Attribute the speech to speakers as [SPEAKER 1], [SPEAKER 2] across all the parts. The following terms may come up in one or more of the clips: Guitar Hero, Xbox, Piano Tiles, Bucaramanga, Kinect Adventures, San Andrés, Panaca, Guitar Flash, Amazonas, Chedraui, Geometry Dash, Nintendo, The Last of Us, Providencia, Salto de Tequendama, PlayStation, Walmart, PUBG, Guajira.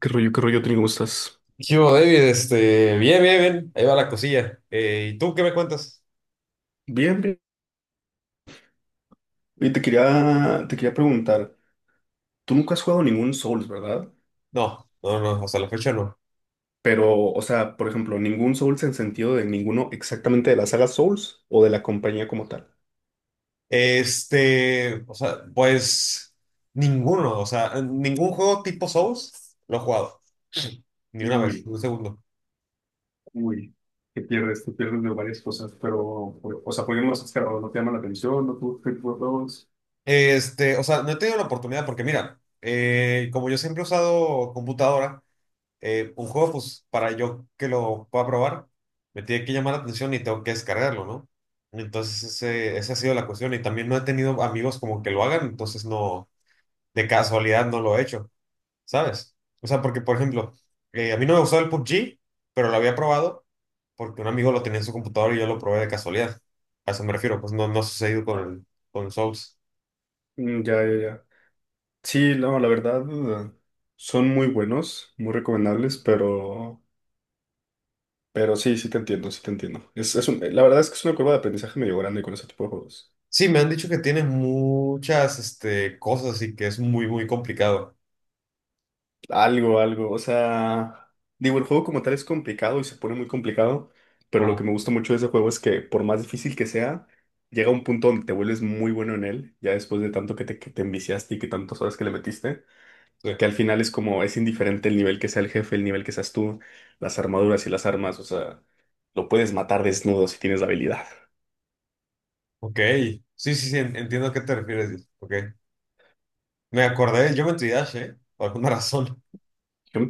[SPEAKER 1] Qué rollo, Tony? ¿Cómo estás?
[SPEAKER 2] ¿Qué hubo, David? Bien, bien, bien. Ahí va la cosilla. ¿Y tú qué me cuentas?
[SPEAKER 1] Bien, bien. Y te quería preguntar, tú nunca has jugado ningún Souls, ¿verdad?
[SPEAKER 2] No, no, no, hasta la fecha no.
[SPEAKER 1] Pero, o sea, por ejemplo, ningún Souls en sentido de ninguno exactamente de la saga Souls o de la compañía como tal.
[SPEAKER 2] Pues ninguno, o sea, ningún juego tipo Souls lo he jugado. Ni una vez, ni
[SPEAKER 1] Uy,
[SPEAKER 2] un segundo.
[SPEAKER 1] uy, te pierdes de varias cosas, pero, o sea, ¿por qué no los has cargado? ¿No te llama la atención? ¿No tú te juegos?
[SPEAKER 2] O sea, no he tenido la oportunidad porque mira, como yo siempre he usado computadora, un juego, pues para yo que lo pueda probar, me tiene que llamar la atención y tengo que descargarlo, ¿no? Entonces, esa ha sido la cuestión. Y también no he tenido amigos como que lo hagan, entonces no, de casualidad no lo he hecho, ¿sabes? O sea, porque, por ejemplo, a mí no me gustaba el PUBG, pero lo había probado porque un amigo lo tenía en su computador y yo lo probé de casualidad. A eso me refiero, pues no, no ha sucedido con el Souls.
[SPEAKER 1] Mm, ya, ya, ya. Sí, no, la verdad, eh, son muy buenos, muy recomendables, pero sí, sí te entiendo, sí te entiendo. La verdad es que es una curva de aprendizaje medio grande con ese tipo de juegos.
[SPEAKER 2] Sí, me han dicho que tiene muchas, cosas y que es muy, muy complicado.
[SPEAKER 1] Algo, algo, o sea, digo, el juego como tal es complicado y se pone muy complicado, pero lo que
[SPEAKER 2] Ajá.
[SPEAKER 1] me gusta mucho de ese juego es que por más difícil que sea, llega un punto donde te vuelves muy bueno en él, ya después de tanto que te enviciaste y que tantas horas que le metiste,
[SPEAKER 2] Sí.
[SPEAKER 1] que al final es como, es indiferente el nivel que sea el jefe, el nivel que seas tú, las armaduras y las armas, o sea, lo puedes matar desnudo si tienes la habilidad.
[SPEAKER 2] Ok, sí, sí, sí, entiendo a qué te refieres. Ok, me acordé del Geometry Dash, ¿eh? Por alguna razón.
[SPEAKER 1] ¿Qué me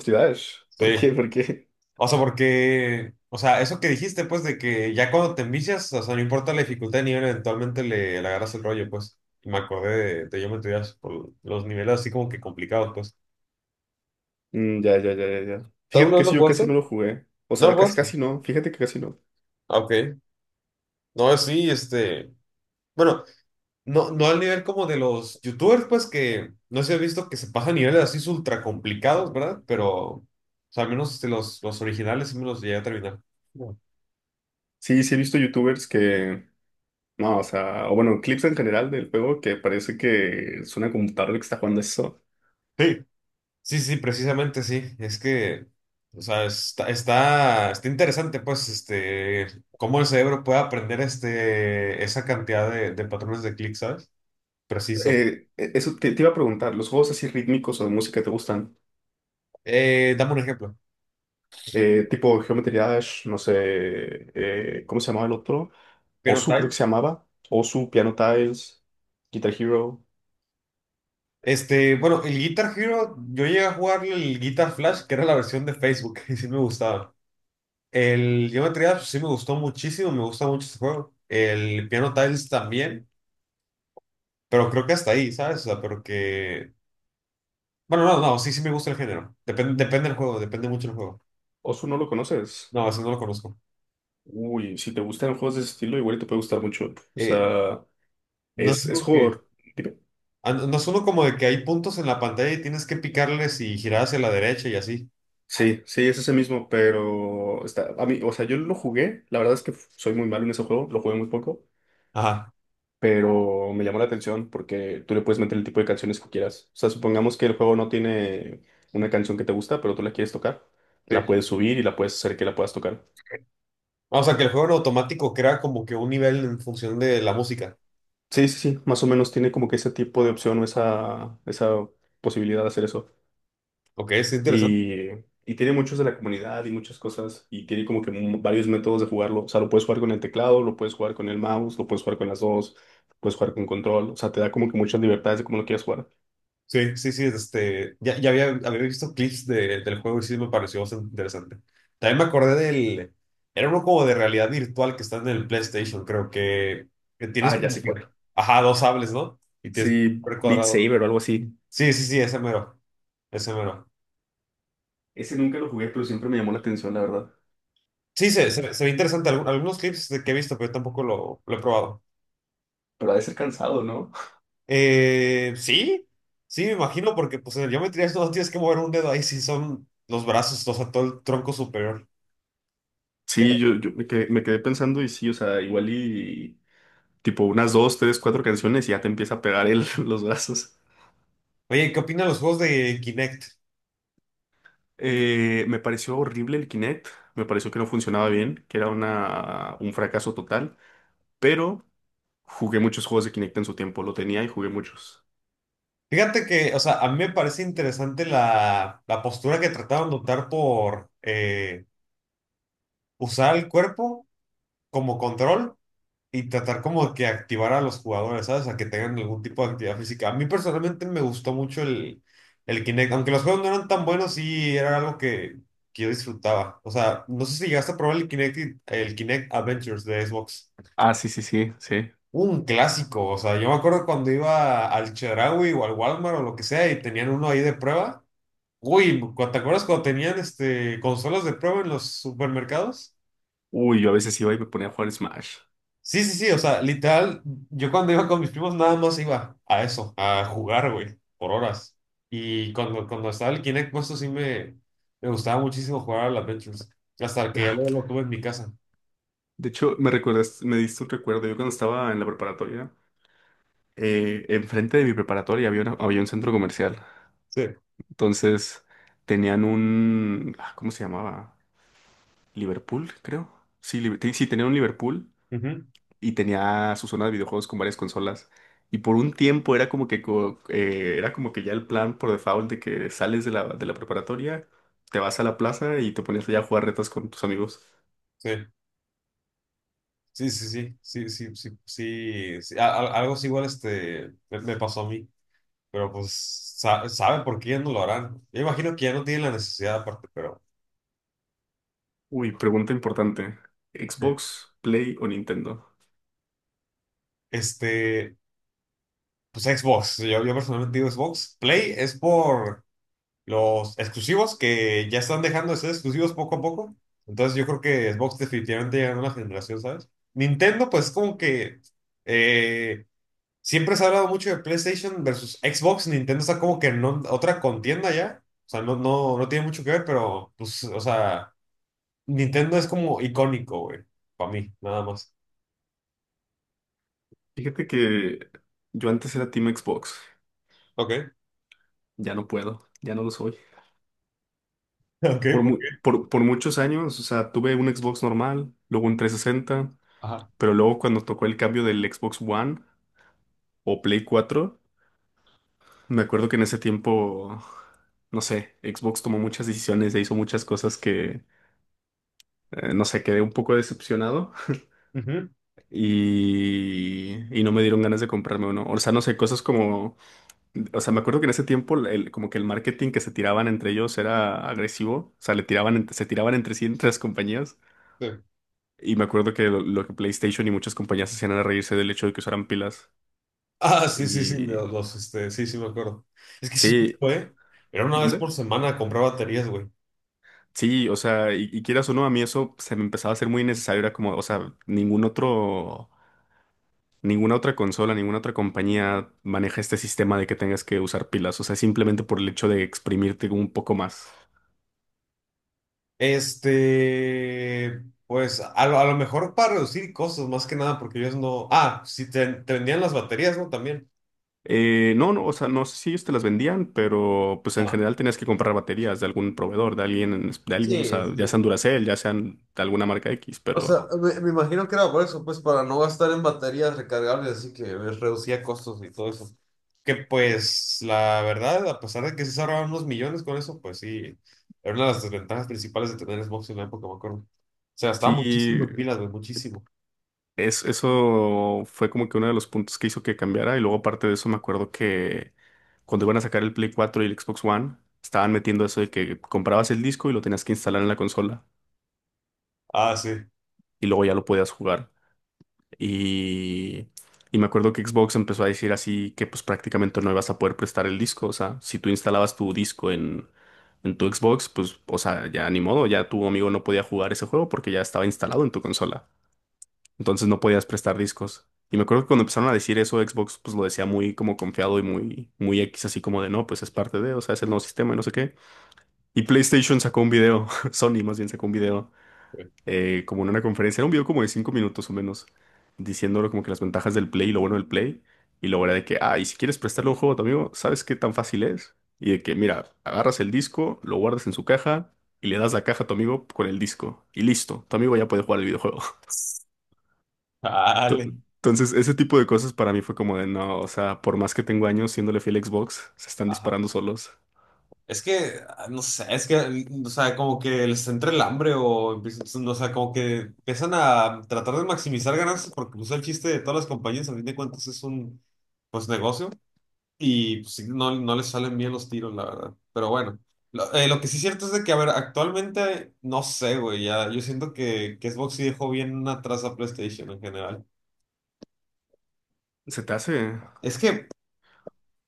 [SPEAKER 2] Sí,
[SPEAKER 1] ¿Por qué? ¿Por qué?
[SPEAKER 2] o sea, porque, o sea, eso que dijiste, pues, de que ya cuando te envicias, o sea, no importa la dificultad de nivel, eventualmente le agarras el rollo, pues. Y me acordé de Geometry Dash por los niveles así como que complicados, pues.
[SPEAKER 1] Mm, ya, ya, ya, ya, ya.
[SPEAKER 2] ¿Tú
[SPEAKER 1] Fíjate
[SPEAKER 2] alguna
[SPEAKER 1] que
[SPEAKER 2] vez lo
[SPEAKER 1] sí, yo casi
[SPEAKER 2] jugaste?
[SPEAKER 1] no lo jugué. O
[SPEAKER 2] No lo
[SPEAKER 1] sea, casi,
[SPEAKER 2] jugaste.
[SPEAKER 1] casi no. Fíjate que casi no.
[SPEAKER 2] Ah, ok, no, sí. Bueno. No, no al nivel como de los youtubers, pues que no se ha visto que se pasan niveles así ultra complicados, ¿verdad? Pero, o sea, al menos los originales sí me los llegué a terminar. Bueno.
[SPEAKER 1] Sí, sí he visto youtubers que... No, o sea, o bueno, clips en general del juego que parece que es una computadora la que está jugando eso.
[SPEAKER 2] Sí, sí, sí, precisamente sí. Es que, o sea, está interesante, pues, cómo el cerebro puede aprender esa cantidad de patrones de clic, ¿sabes? Preciso.
[SPEAKER 1] Eso te iba a preguntar, ¿los juegos así rítmicos o de música te gustan?
[SPEAKER 2] Dame un ejemplo.
[SPEAKER 1] Tipo Geometry Dash, no sé, ¿cómo se llamaba el otro?
[SPEAKER 2] Piano
[SPEAKER 1] Osu creo que se
[SPEAKER 2] Times.
[SPEAKER 1] llamaba. Osu, Piano Tiles, Guitar Hero.
[SPEAKER 2] Bueno, el Guitar Hero, yo llegué a jugar el Guitar Flash, que era la versión de Facebook, y sí me gustaba. El Geometry Dash sí me gustó muchísimo, me gusta mucho ese juego. El Piano Tiles también, pero creo que hasta ahí, ¿sabes? O sea, pero que... Bueno, no, no, sí, sí me gusta el género. Depende del juego, depende mucho del juego.
[SPEAKER 1] Osu no lo conoces.
[SPEAKER 2] No, eso no lo conozco.
[SPEAKER 1] Uy, si te gustan juegos de ese estilo, igual te puede gustar mucho. O
[SPEAKER 2] Eh,
[SPEAKER 1] sea...
[SPEAKER 2] no es
[SPEAKER 1] Es
[SPEAKER 2] uno que...
[SPEAKER 1] jugador. Dime.
[SPEAKER 2] Ah, no es uno como de que hay puntos en la pantalla y tienes que picarles y girar hacia la derecha y así.
[SPEAKER 1] Sí, sí, es ese mismo, pero está, a mí, o sea, yo lo jugué, la verdad es que soy muy malo en ese juego, lo jugué muy poco,
[SPEAKER 2] Ajá,
[SPEAKER 1] pero me llamó la atención porque tú le puedes meter el tipo de canciones que quieras. O sea, supongamos que el juego no tiene una canción que te gusta, pero tú la quieres tocar,
[SPEAKER 2] sí.
[SPEAKER 1] la puedes subir y la puedes hacer que la puedas tocar.
[SPEAKER 2] Ah, o sea, que el juego en automático crea como que un nivel en función de la música.
[SPEAKER 1] Sí, sí, sí, más o menos tiene como que ese tipo de opción o esa posibilidad de hacer eso.
[SPEAKER 2] Ok, es interesante.
[SPEAKER 1] Y, y tiene muchos de la comunidad y muchas cosas. Y tiene como que varios métodos de jugarlo. O sea, lo puedes jugar con el teclado, lo puedes jugar con el mouse, lo puedes jugar con las dos, puedes jugar con control. O sea, te da como que muchas libertades de cómo lo quieras jugar.
[SPEAKER 2] Sí, sí, sí, ya había visto clips del juego y sí me pareció bastante interesante. También me acordé era uno como de realidad virtual que está en el PlayStation, creo que tienes
[SPEAKER 1] Ah, ya
[SPEAKER 2] como
[SPEAKER 1] sé cuál.
[SPEAKER 2] que, ajá, dos sables, ¿no? Y tienes que
[SPEAKER 1] Sí,
[SPEAKER 2] ver
[SPEAKER 1] Beat
[SPEAKER 2] cuadrado.
[SPEAKER 1] Saber o algo así.
[SPEAKER 2] Sí, sí, sí, ese mero, ese mero.
[SPEAKER 1] Ese nunca lo jugué, pero siempre me llamó la atención, la verdad.
[SPEAKER 2] Sí, se ve interesante. Algunos clips de que he visto, pero yo tampoco lo he probado.
[SPEAKER 1] Pero ha de ser cansado, ¿no?
[SPEAKER 2] Sí, sí, me imagino, porque pues en el geometría no tienes que mover un dedo ahí, si son los brazos, o sea, todo el tronco superior. Tierra.
[SPEAKER 1] Sí, yo me quedé pensando y sí, o sea, igual y tipo unas dos, tres, cuatro canciones y ya te empieza a pegar el, los brazos.
[SPEAKER 2] Oye, ¿qué opinan los juegos de Kinect?
[SPEAKER 1] Me pareció horrible el Kinect, me pareció que no funcionaba bien, que era una, un fracaso total, pero jugué muchos juegos de Kinect en su tiempo, lo tenía y jugué muchos.
[SPEAKER 2] Fíjate que, o sea, a mí me parece interesante la postura que trataban de optar por usar el cuerpo como control. Y tratar como que activar a los jugadores, ¿sabes? A que tengan algún tipo de actividad física. A mí personalmente me gustó mucho el Kinect. Aunque los juegos no eran tan buenos, sí era algo que yo disfrutaba. O sea, no sé si llegaste a probar el Kinect, el Kinect Adventures de Xbox.
[SPEAKER 1] Ah, sí, sí, sí, sí.
[SPEAKER 2] Un clásico. O sea, yo me acuerdo cuando iba al Chedraui o al Walmart o lo que sea y tenían uno ahí de prueba. Uy, ¿te acuerdas cuando tenían consolas de prueba en los supermercados?
[SPEAKER 1] Uy, yo a veces iba y me ponía a jugar Smash.
[SPEAKER 2] Sí, sí, sí, o sea, literal, yo cuando iba con mis primos nada más iba a eso, a jugar, güey, por horas. Y cuando estaba el Kinect puesto sí me gustaba muchísimo jugar al Adventures, hasta que ya luego lo tuve en mi casa.
[SPEAKER 1] De hecho, me recuerdas, me diste un recuerdo, yo cuando estaba en la preparatoria, enfrente de mi preparatoria había, había un centro comercial,
[SPEAKER 2] Sí.
[SPEAKER 1] entonces tenían un, ah, ¿cómo se llamaba? Liverpool, creo. Sí, sí, tenían un Liverpool
[SPEAKER 2] Ujú.
[SPEAKER 1] y tenía su zona de videojuegos con varias consolas. Y por un tiempo era como que, era como que ya el plan por default de que sales de la preparatoria, te vas a la plaza y te pones allá a jugar retas con tus amigos.
[SPEAKER 2] Sí, sí, sí, sí, sí, sí, sí, sí, sí, algo así igual me pasó a mí, pero pues saben por qué ya no lo harán. Yo imagino que ya no tienen la necesidad aparte, pero
[SPEAKER 1] Uy, pregunta importante. ¿Xbox, Play o Nintendo?
[SPEAKER 2] este, pues Xbox, yo personalmente digo Xbox, Play es por los exclusivos que ya están dejando de ser exclusivos poco a poco. Entonces yo creo que Xbox definitivamente llega a una generación, ¿sabes? Nintendo, pues como que eh, siempre se ha hablado mucho de PlayStation versus Xbox. Nintendo está como que otra contienda ya. O sea, no, no, no tiene mucho que ver, pero pues, o sea, Nintendo es como icónico, güey. Para mí, nada más.
[SPEAKER 1] Fíjate que yo antes era Team Xbox.
[SPEAKER 2] Ok.
[SPEAKER 1] Ya no puedo, ya no lo soy.
[SPEAKER 2] Ok,
[SPEAKER 1] Por,
[SPEAKER 2] ¿por
[SPEAKER 1] mu-
[SPEAKER 2] qué?
[SPEAKER 1] por, por muchos años, o sea, tuve un Xbox normal, luego un 360,
[SPEAKER 2] Ajá.
[SPEAKER 1] pero luego cuando tocó el cambio del Xbox One o Play 4. Me acuerdo que en ese tiempo, no sé, Xbox tomó muchas decisiones e hizo muchas cosas que, no sé, quedé un poco decepcionado
[SPEAKER 2] Ujú.
[SPEAKER 1] y no me dieron ganas de comprarme uno. O sea, no sé, cosas como, o sea, me acuerdo que en ese tiempo como que el marketing que se tiraban entre ellos era agresivo, o sea, le tiraban, se tiraban entre sí entre las compañías.
[SPEAKER 2] Sí.
[SPEAKER 1] Y me acuerdo que lo que PlayStation y muchas compañías hacían era reírse del hecho de que usaran pilas.
[SPEAKER 2] Ah, sí, sí, sí,
[SPEAKER 1] Y
[SPEAKER 2] sí, sí me acuerdo. Es que sí,
[SPEAKER 1] sí,
[SPEAKER 2] fue. Era una vez
[SPEAKER 1] ¿mande?
[SPEAKER 2] por semana comprar baterías, güey.
[SPEAKER 1] Sí, o sea, y quieras o no, a mí eso se me empezaba a hacer muy innecesario. Era como, o sea, ningún otro, ninguna otra consola, ninguna otra compañía maneja este sistema de que tengas que usar pilas. O sea, simplemente por el hecho de exprimirte un poco más.
[SPEAKER 2] Pues a lo mejor para reducir costos, más que nada, porque ellos no. Ah, sí, te vendían las baterías, ¿no? También.
[SPEAKER 1] No, no, o sea, no sé si ellos te las vendían, pero pues en
[SPEAKER 2] No.
[SPEAKER 1] general tenías que comprar baterías de algún proveedor, de alguien, en de
[SPEAKER 2] Sí,
[SPEAKER 1] alguien, o sea, ya sean Duracell, ya sean de alguna marca X,
[SPEAKER 2] o
[SPEAKER 1] pero
[SPEAKER 2] sea, me imagino que era por eso, pues para no gastar en baterías recargables, así que pues, reducía costos y todo eso. Que pues la verdad, a pesar de que sí se ahorraban unos millones con eso, pues sí, era una de las desventajas principales de tener Xbox en la época, me acuerdo. Se gastaba muchísimo
[SPEAKER 1] sí.
[SPEAKER 2] en pilas, güey, muchísimo.
[SPEAKER 1] Es, eso fue como que uno de los puntos que hizo que cambiara. Y luego, aparte de eso, me acuerdo que cuando iban a sacar el Play 4 y el Xbox One, estaban metiendo eso de que comprabas el disco y lo tenías que instalar en la consola.
[SPEAKER 2] Ah, sí.
[SPEAKER 1] Y luego ya lo podías jugar. Y, y me acuerdo que Xbox empezó a decir así que pues prácticamente no ibas a poder prestar el disco. O sea, si tú instalabas tu disco en tu Xbox, pues, o sea, ya ni modo, ya tu amigo no podía jugar ese juego porque ya estaba instalado en tu consola. Entonces no podías prestar discos. Y me acuerdo que cuando empezaron a decir eso, Xbox pues lo decía muy como confiado y muy, muy X, así como de no, pues es parte de, o sea, es el nuevo sistema y no sé qué. Y PlayStation sacó un video, Sony más bien sacó un video, como en una conferencia, era un video como de 5 minutos o menos, diciéndolo como que las ventajas del Play y lo bueno del Play. Y luego era de que, ah, y si quieres prestarle un juego a tu amigo, ¿sabes qué tan fácil es? Y de que, mira, agarras el disco, lo guardas en su caja y le das la caja a tu amigo con el disco. Y listo, tu amigo ya puede jugar el videojuego. To-
[SPEAKER 2] Dale.
[SPEAKER 1] Entonces, ese tipo de cosas para mí fue como de no, o sea, por más que tengo años siéndole fiel a Xbox, se están
[SPEAKER 2] Ajá.
[SPEAKER 1] disparando solos.
[SPEAKER 2] Es que, no sé, es que, o sea, como que les entra el hambre o, no, o sea, como que empiezan a tratar de maximizar ganancias porque pues el chiste de todas las compañías, a fin de cuentas, es un, pues, negocio y pues, sí, no, no les salen bien los tiros, la verdad. Pero bueno, lo que sí es cierto es de que, a ver, actualmente, no sé, güey, ya, yo siento que Xbox sí dejó bien atrás a PlayStation en general.
[SPEAKER 1] Se te hace.
[SPEAKER 2] Es que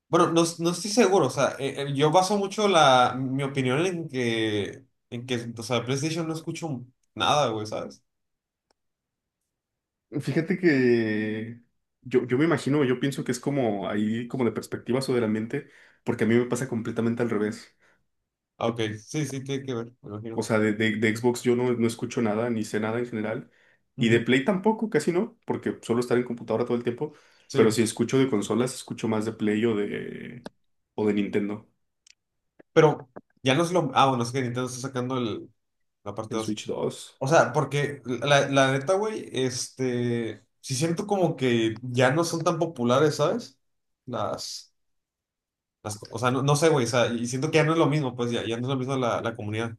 [SPEAKER 2] Bueno, no, no estoy seguro, o sea, yo baso mucho mi opinión en en que, o sea, PlayStation no escucho nada, güey, ¿sabes?
[SPEAKER 1] Fíjate que yo me imagino, yo pienso que es como ahí, como de perspectivas o del ambiente, porque a mí me pasa completamente al revés.
[SPEAKER 2] Ah, ok, sí, sí, tiene que ver, me
[SPEAKER 1] O
[SPEAKER 2] imagino.
[SPEAKER 1] sea, de Xbox yo no, no escucho nada, ni sé nada en general. Y de
[SPEAKER 2] Ujú.
[SPEAKER 1] Play tampoco, casi no, porque suelo estar en computadora todo el tiempo.
[SPEAKER 2] Sí,
[SPEAKER 1] Pero si escucho de consolas, escucho más de Play o de Nintendo,
[SPEAKER 2] pero ya no es lo, bueno, es que Nintendo está sacando la parte
[SPEAKER 1] el
[SPEAKER 2] dos
[SPEAKER 1] Switch 2.
[SPEAKER 2] O sea, porque la neta, güey, sí siento como que ya no son tan populares, ¿sabes? Las, o sea, no, no sé, güey, o sea, y siento que ya no es lo mismo, pues ya no es lo mismo la comunidad.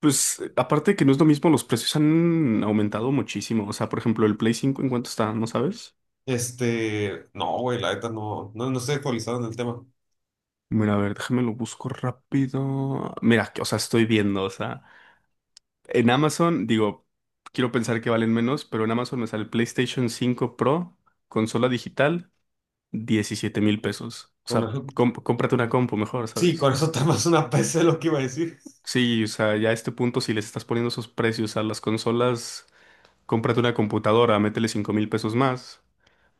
[SPEAKER 1] Pues aparte que no es lo mismo, los precios han aumentado muchísimo. O sea, por ejemplo, el Play 5, ¿en cuánto está? ¿No sabes?
[SPEAKER 2] No, güey, la neta no, no, no estoy actualizado en el tema.
[SPEAKER 1] Mira, a ver, déjame lo busco rápido. Mira, o sea, estoy viendo, o sea, en Amazon, digo, quiero pensar que valen menos, pero en Amazon me sale el PlayStation 5 Pro, consola digital, 17 mil pesos. O
[SPEAKER 2] Con
[SPEAKER 1] sea,
[SPEAKER 2] eso-
[SPEAKER 1] cómprate una compu mejor,
[SPEAKER 2] sí, con
[SPEAKER 1] ¿sabes?
[SPEAKER 2] eso está más una PC lo que iba a decir.
[SPEAKER 1] Sí, o sea, ya a este punto, si les estás poniendo esos precios a las consolas, cómprate una computadora, métele 5 mil pesos más.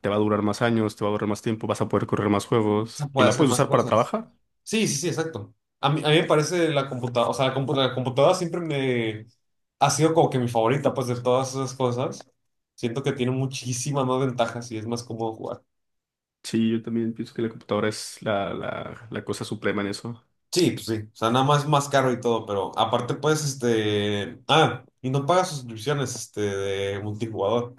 [SPEAKER 1] Te va a durar más años, te va a durar más tiempo, vas a poder correr más
[SPEAKER 2] Se
[SPEAKER 1] juegos y
[SPEAKER 2] puede
[SPEAKER 1] la
[SPEAKER 2] hacer
[SPEAKER 1] puedes
[SPEAKER 2] más
[SPEAKER 1] usar para
[SPEAKER 2] cosas.
[SPEAKER 1] trabajar.
[SPEAKER 2] Sí, sí, sí, exacto. A mí me parece la computadora, o sea, la computadora siempre me ha sido como que mi favorita, pues, de todas esas cosas. Siento que tiene muchísimas más ventajas y es más cómodo jugar.
[SPEAKER 1] Sí, yo también pienso que la computadora es la, la, la cosa suprema en eso.
[SPEAKER 2] Sí, pues sí. O sea, nada más más caro y todo, pero aparte, pues. Ah, y no pagas suscripciones, de multijugador,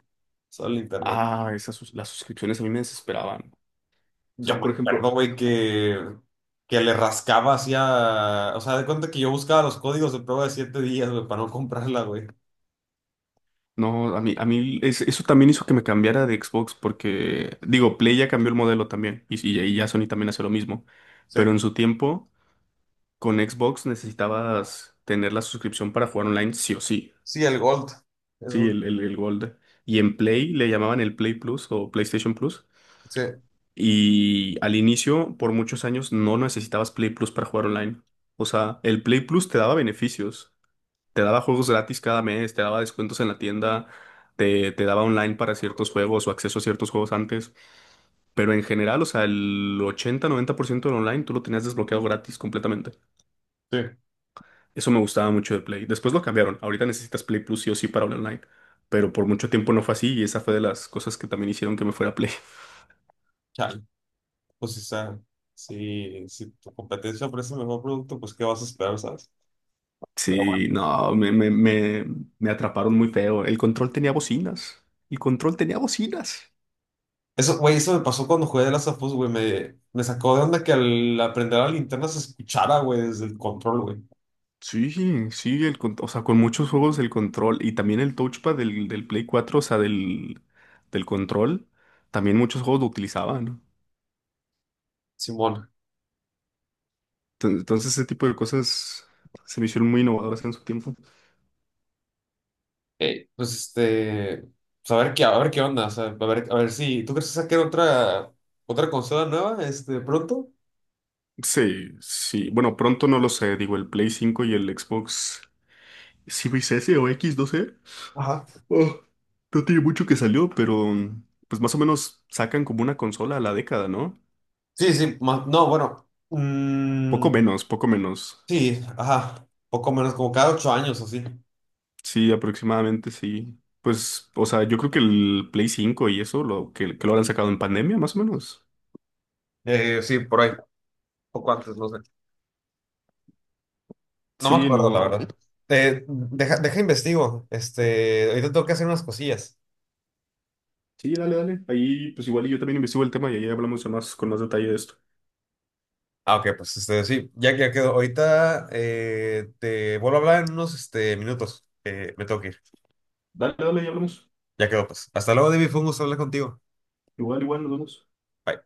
[SPEAKER 2] solo el internet.
[SPEAKER 1] Ah, las suscripciones a mí me desesperaban. O
[SPEAKER 2] Yo
[SPEAKER 1] sea,
[SPEAKER 2] me
[SPEAKER 1] por
[SPEAKER 2] acuerdo,
[SPEAKER 1] ejemplo,
[SPEAKER 2] güey, que le rascaba hacia. O sea, de cuenta que yo buscaba los códigos de prueba de 7 días, güey, para no comprarla, güey.
[SPEAKER 1] no, a mí, eso también hizo que me cambiara de Xbox porque, digo, Play ya cambió el modelo también y ya Sony también hace lo mismo. Pero
[SPEAKER 2] Sí,
[SPEAKER 1] en su tiempo, con Xbox necesitabas tener la suscripción para jugar online sí o sí.
[SPEAKER 2] sí, el Gold.
[SPEAKER 1] Sí,
[SPEAKER 2] Eso.
[SPEAKER 1] el Gold. Y en Play le llamaban el Play Plus o PlayStation Plus.
[SPEAKER 2] Sí,
[SPEAKER 1] Y al inicio, por muchos años, no necesitabas Play Plus para jugar online. O sea, el Play Plus te daba beneficios. Te daba juegos gratis cada mes, te daba descuentos en la tienda, te daba online para ciertos juegos o acceso a ciertos juegos antes. Pero en general, o sea, el 80-90% del online tú lo tenías desbloqueado gratis completamente.
[SPEAKER 2] sí.
[SPEAKER 1] Eso me gustaba mucho de Play. Después lo cambiaron. Ahorita necesitas Play Plus sí o sí para hablar online. Pero por mucho tiempo no fue así y esa fue de las cosas que también hicieron que me fuera a Play.
[SPEAKER 2] Chale, pues, o sea, si tu competencia ofrece el mejor producto, pues, ¿qué vas a esperar, sabes? Pero
[SPEAKER 1] Sí,
[SPEAKER 2] bueno.
[SPEAKER 1] no, me atraparon muy feo. El control tenía bocinas. El control tenía bocinas.
[SPEAKER 2] Eso, güey, eso me pasó cuando jugué de las of Us, güey. Me sacó de onda que al aprender la linterna se escuchara, güey, desde el control, güey.
[SPEAKER 1] Sí, sí, o sea, con muchos juegos el control y también el touchpad del Play 4, o sea, del, del control, también muchos juegos lo utilizaban.
[SPEAKER 2] Simón.
[SPEAKER 1] Entonces, ese tipo de cosas se me hicieron muy innovadoras en su tiempo.
[SPEAKER 2] eh, pues este, pues a ver qué onda, o sea, a ver si, ¿tú crees que saquen otra consola nueva, pronto?
[SPEAKER 1] Sí, sí, bueno, pronto no lo sé, digo, el Play 5 y el Xbox Series S o X, no sé.
[SPEAKER 2] Ajá.
[SPEAKER 1] Oh, no tiene mucho que salió, pero pues más o menos sacan como una consola a la década, ¿no?
[SPEAKER 2] Sí, sí, no, bueno,
[SPEAKER 1] Poco menos, poco menos.
[SPEAKER 2] sí, ajá, poco menos, como cada 8 años o así.
[SPEAKER 1] Sí, aproximadamente sí. Pues, o sea, yo creo que el Play 5 y eso, lo que lo habrán sacado en pandemia, más o menos.
[SPEAKER 2] Sí, por ahí, poco antes, no sé. No me
[SPEAKER 1] Sí,
[SPEAKER 2] acuerdo, la
[SPEAKER 1] no.
[SPEAKER 2] verdad. Deja, investigo, ahorita tengo que hacer unas cosillas.
[SPEAKER 1] Sí, dale, dale. Ahí, pues
[SPEAKER 2] Ah, ok, pues sí, ya quedó. Ahorita te vuelvo a hablar en unos minutos. Me tengo que ir. Ya quedó, pues. Hasta luego, David. Fue un gusto hablar contigo. Bye.